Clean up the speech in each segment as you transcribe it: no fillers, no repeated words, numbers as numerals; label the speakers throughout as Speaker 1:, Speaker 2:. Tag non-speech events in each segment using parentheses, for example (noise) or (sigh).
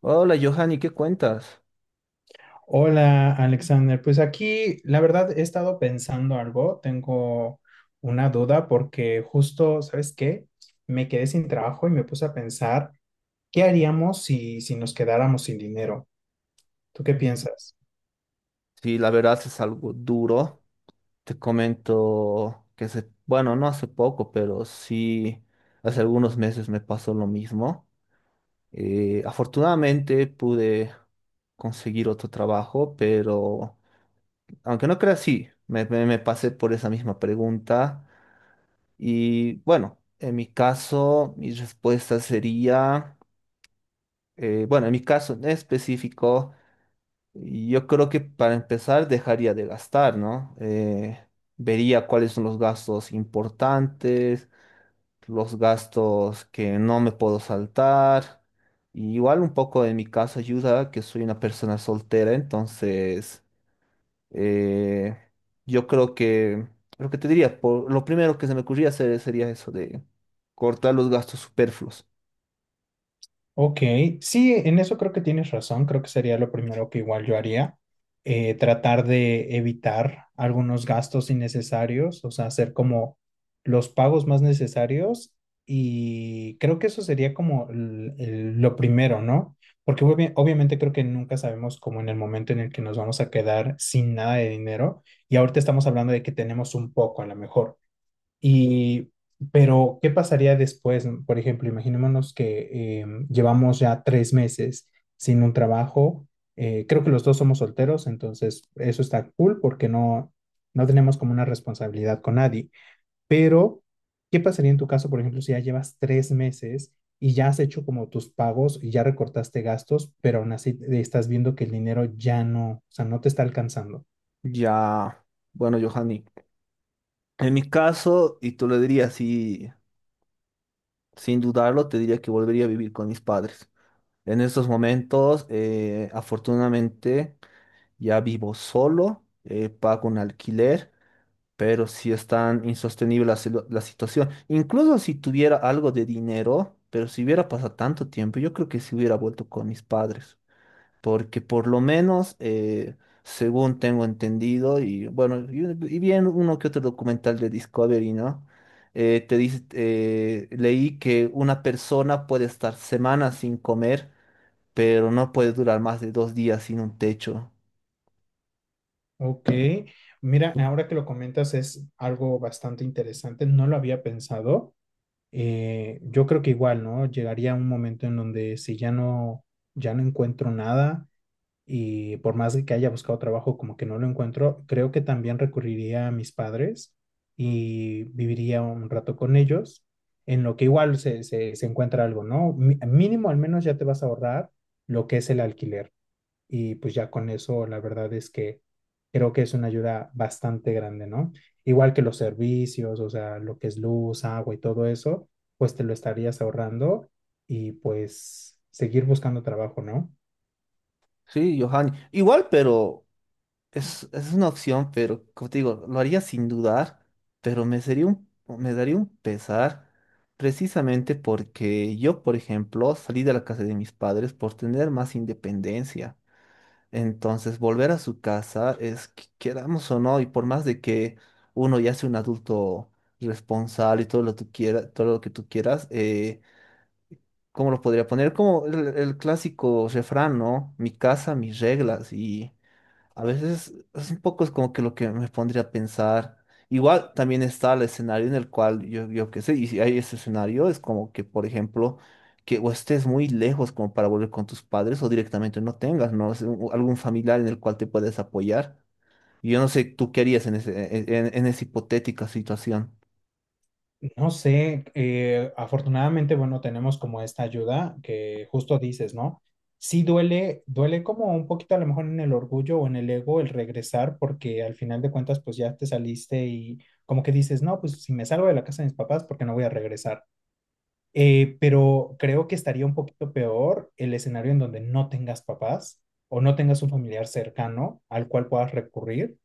Speaker 1: Hola, Johanny, ¿qué cuentas?
Speaker 2: Hola, Alexander. Pues aquí, la verdad, he estado pensando algo. Tengo una duda porque justo, ¿sabes qué? Me quedé sin trabajo y me puse a pensar, ¿qué haríamos si nos quedáramos sin dinero? ¿Tú qué
Speaker 1: Mm.
Speaker 2: piensas?
Speaker 1: Sí, la verdad es algo duro. Te comento que hace, bueno, no hace poco, pero sí, hace algunos meses me pasó lo mismo. Afortunadamente pude conseguir otro trabajo, pero aunque no creas, sí, me pasé por esa misma pregunta. Y bueno, en mi caso, mi respuesta sería, bueno, en mi caso en específico. Yo creo que para empezar dejaría de gastar, ¿no? Vería cuáles son los gastos importantes, los gastos que no me puedo saltar. Y igual un poco en mi caso ayuda que soy una persona soltera, entonces eh, yo creo que lo que te diría, por, lo primero que se me ocurría hacer sería eso de cortar los gastos superfluos.
Speaker 2: Ok, sí, en eso creo que tienes razón, creo que sería lo primero que igual yo haría, tratar de evitar algunos gastos innecesarios, o sea, hacer como los pagos más necesarios y creo que eso sería como lo primero, ¿no? Porque obviamente creo que nunca sabemos como en el momento en el que nos vamos a quedar sin nada de dinero y ahorita estamos hablando de que tenemos un poco a lo mejor. Y, pero, ¿qué pasaría después? Por ejemplo, imaginémonos que llevamos ya tres meses sin un trabajo. Creo que los dos somos solteros, entonces eso está cool porque no, no tenemos como una responsabilidad con nadie. Pero, ¿qué pasaría en tu caso, por ejemplo, si ya llevas tres meses y ya has hecho como tus pagos y ya recortaste gastos, pero aún así estás viendo que el dinero ya no, o sea, no te está alcanzando?
Speaker 1: Ya, bueno, Johanny, en mi caso, y tú lo dirías, sí. Sin dudarlo, te diría que volvería a vivir con mis padres. En estos momentos, afortunadamente, ya vivo solo, pago un alquiler, pero sí es tan insostenible la situación. Incluso si tuviera algo de dinero, pero si hubiera pasado tanto tiempo, yo creo que sí hubiera vuelto con mis padres porque por lo menos, según tengo entendido, y bueno, y bien uno que otro documental de Discovery, ¿no? Leí que una persona puede estar semanas sin comer, pero no puede durar más de dos días sin un techo.
Speaker 2: Ok, mira, ahora que lo comentas es algo bastante interesante, no lo había pensado. Yo creo que igual, ¿no? Llegaría un momento en donde ya no encuentro nada y por más de que haya buscado trabajo, como que no lo encuentro, creo que también recurriría a mis padres y viviría un rato con ellos, en lo que igual se encuentra algo, ¿no? Mínimo al menos ya te vas a ahorrar lo que es el alquiler y pues ya con eso la verdad es que creo que es una ayuda bastante grande, ¿no? Igual que los servicios, o sea, lo que es luz, agua y todo eso, pues te lo estarías ahorrando y pues seguir buscando trabajo, ¿no?
Speaker 1: Sí, Johanny. Igual, pero es una opción, pero como te digo, lo haría sin dudar, pero me sería un, me daría un pesar precisamente porque yo, por ejemplo, salí de la casa de mis padres por tener más independencia. Entonces, volver a su casa es, que- queramos o no, y por más de que uno ya sea un adulto responsable y todo lo que tú quieras, todo lo que tú quieras, ¿cómo lo podría poner? Como el clásico refrán, ¿no? Mi casa, mis reglas, a veces es un poco es como que lo que me pondría a pensar. Igual también está el escenario en el cual yo qué sé, y si hay ese escenario, es como que, por ejemplo, que o estés muy lejos como para volver con tus padres o directamente no tengas, ¿no? Es un- algún familiar en el cual te puedes apoyar. Y yo no sé, ¿tú qué harías en en esa hipotética situación?
Speaker 2: No sé, afortunadamente, bueno, tenemos como esta ayuda que justo dices, ¿no? Sí duele, duele como un poquito a lo mejor en el orgullo o en el ego el regresar porque al final de cuentas pues ya te saliste y como que dices, no, pues si me salgo de la casa de mis papás, ¿por qué no voy a regresar? Pero creo que estaría un poquito peor el escenario en donde no tengas papás o no tengas un familiar cercano al cual puedas recurrir.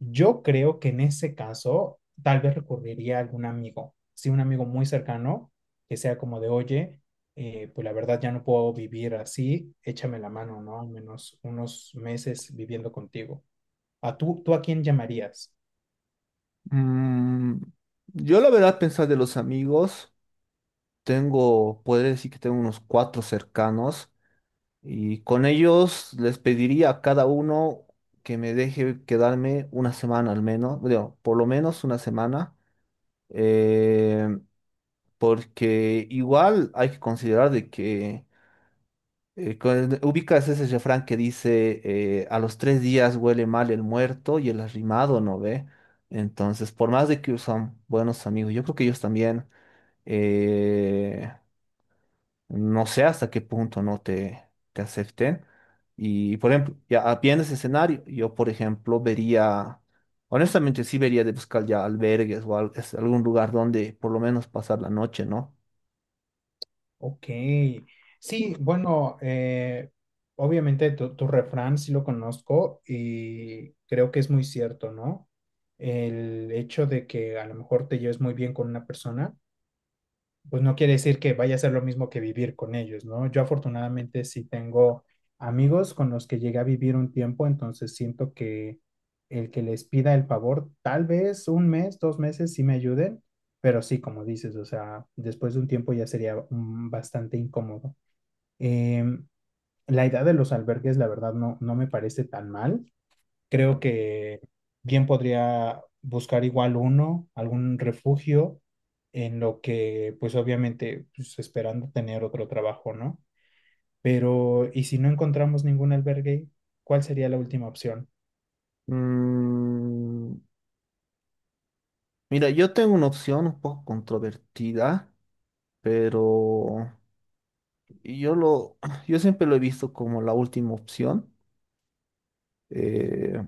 Speaker 2: Yo creo que en ese caso tal vez recurriría a algún amigo, sí, un amigo muy cercano que sea como de, oye, pues la verdad ya no puedo vivir así, échame la mano, ¿no? Al menos unos meses viviendo contigo. Tú a quién llamarías?
Speaker 1: Mm, yo la verdad pensar de los amigos, tengo, podría decir que tengo unos cuatro cercanos. Y con ellos les pediría a cada uno que me deje quedarme una semana al menos, digo, por lo menos una semana, eh, porque igual hay que considerar de que, con- ubicas ese refrán que dice, a los tres días huele mal el muerto y el arrimado no ve. Entonces, por más de que son buenos amigos, yo creo que ellos también... eh, no sé hasta qué punto no te, te acepten. Y, por ejemplo, viendo ese escenario, yo, por ejemplo, vería, honestamente, sí vería de buscar ya albergues algún lugar donde por lo menos pasar la noche, ¿no?
Speaker 2: Ok, sí, bueno, obviamente tu refrán sí lo conozco y creo que es muy cierto, ¿no? El hecho de que a lo mejor te lleves muy bien con una persona pues no quiere decir que vaya a ser lo mismo que vivir con ellos, ¿no? Yo afortunadamente sí tengo amigos con los que llegué a vivir un tiempo, entonces siento que el que les pida el favor, tal vez un mes, dos meses sí me ayuden, pero sí, como dices, o sea, después de un tiempo ya sería bastante incómodo. Em, la idea de los albergues, la verdad, no, no me parece tan mal. Creo que bien podría buscar igual uno, algún refugio, en lo que, pues obviamente, pues esperando tener otro trabajo, ¿no? Pero, ¿y si no encontramos ningún albergue, cuál sería la última opción?
Speaker 1: Mm, mira, yo tengo una opción un poco controvertida, pero yo lo, (clears throat) yo siempre lo he visto como la última opción. Eh,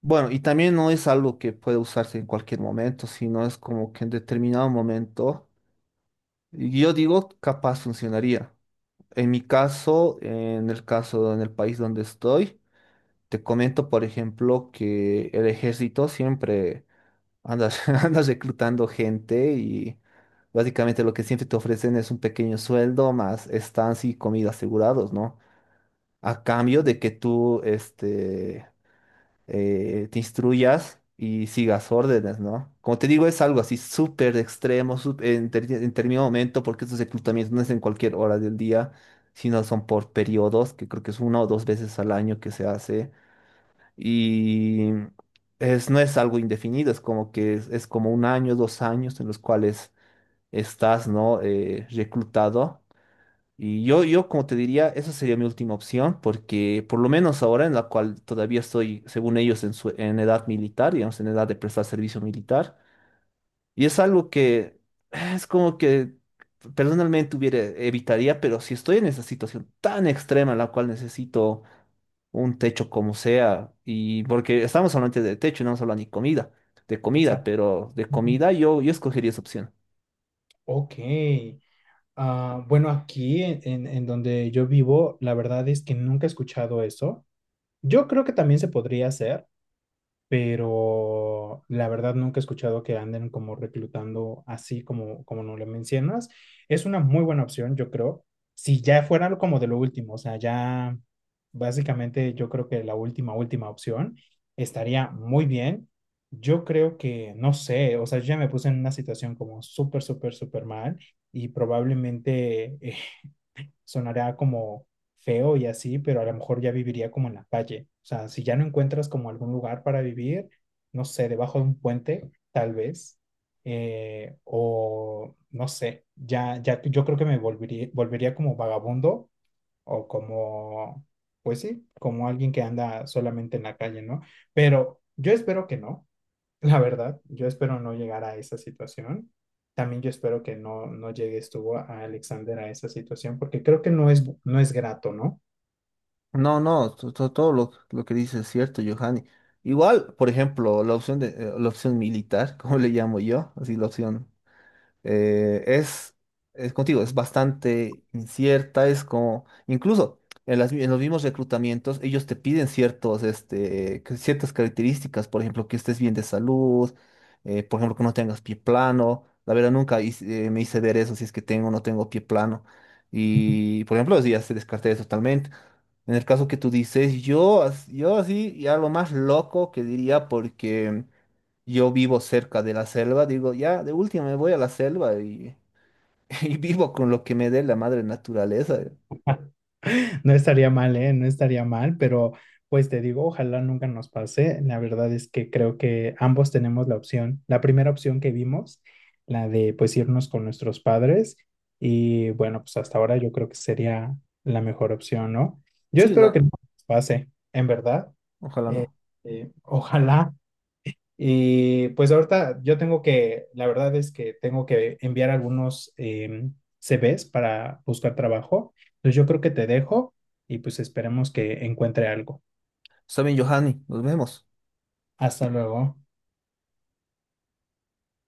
Speaker 1: bueno, y también no es algo que puede usarse en cualquier momento, sino es como que en determinado momento yo digo, capaz funcionaría. En mi caso, en el país donde estoy, te comento, por ejemplo, que el ejército siempre anda, (laughs) anda reclutando gente y básicamente lo que siempre te ofrecen es un pequeño sueldo más estancia y comida asegurados, ¿no? A cambio de que tú, este, te instruyas y sigas órdenes, ¿no? Como te digo, es algo así súper extremo, en determinado momento, porque estos reclutamientos no es en cualquier hora del día, sino son por periodos, que creo que es una o dos veces al año que se hace, y es, no es algo indefinido, es como que es como un año, dos años en los cuales estás, ¿no? Reclutado. Como te diría, esa sería mi última opción, porque por lo menos ahora en la cual todavía estoy, según ellos, en edad militar, digamos, en edad de prestar servicio militar, y es algo que es como que personalmente hubiera, evitaría, pero si estoy en esa situación tan extrema en la cual necesito un techo como sea, y porque estamos hablando de techo, no estamos hablando ni comida, de comida,
Speaker 2: Exacto.
Speaker 1: pero de
Speaker 2: Ujú.
Speaker 1: comida yo escogería esa opción.
Speaker 2: Ok. Ah, bueno, aquí en donde yo vivo, la verdad es que nunca he escuchado eso. Yo creo que también se podría hacer, pero la verdad nunca he escuchado que anden como reclutando así como, como no le mencionas. Es una muy buena opción, yo creo. Si ya fuera algo como de lo último, o sea, ya básicamente yo creo que la última, última opción estaría muy bien. Yo creo que, no sé, o sea, yo ya me puse en una situación como súper, súper, súper mal y probablemente (laughs) sonará como feo y así, pero a lo mejor ya viviría como en la calle. O sea, si ya no encuentras como algún lugar para vivir, no sé, debajo de un puente, tal vez, o no sé, ya yo creo que me volvería, volvería como vagabundo o como, pues sí, como alguien que anda solamente en la calle, ¿no? Pero yo espero que no. La verdad, yo espero no llegar a esa situación. También yo espero que no, no llegues tú a Alexander a esa situación, porque creo que no es, no es grato, ¿no?
Speaker 1: No, no, todo lo que dices es cierto, Johanny. Igual, por ejemplo, la opción de la opción militar, (laughs) como le llamo yo, así la opción eh, es, es contigo, es bastante incierta, es como, incluso en, en los mismos reclutamientos, ellos te piden ciertos, este, que- ciertas características, por ejemplo, que estés bien de salud, por ejemplo, que no tengas pie plano. La verdad, nunca hice- me hice ver eso, si es que tengo o no tengo pie plano.
Speaker 2: (laughs)
Speaker 1: Y, por ejemplo, así ya se descarté totalmente. En el caso que tú dices, yo así, ya lo más loco que diría, porque yo vivo cerca de la selva, digo, ya, de última me voy a la selva y, (laughs) y vivo con lo que me dé la madre naturaleza.
Speaker 2: No estaría mal, ¿eh? No estaría mal, pero pues te digo, ojalá nunca nos pase. La verdad es que creo que ambos tenemos la opción, la primera opción que vimos, la de pues irnos con nuestros padres y bueno, pues hasta ahora yo creo que sería la mejor opción, ¿no? Yo
Speaker 1: Sí,
Speaker 2: espero que
Speaker 1: la,
Speaker 2: no nos pase, en verdad.
Speaker 1: ojalá
Speaker 2: Eh,
Speaker 1: no.
Speaker 2: ojalá. Y pues ahorita yo tengo que, la verdad es que tengo que enviar algunos CVs para buscar trabajo. Entonces yo creo que te dejo y pues esperemos que encuentre algo.
Speaker 1: Está bien, Johanny, nos vemos.
Speaker 2: Hasta luego.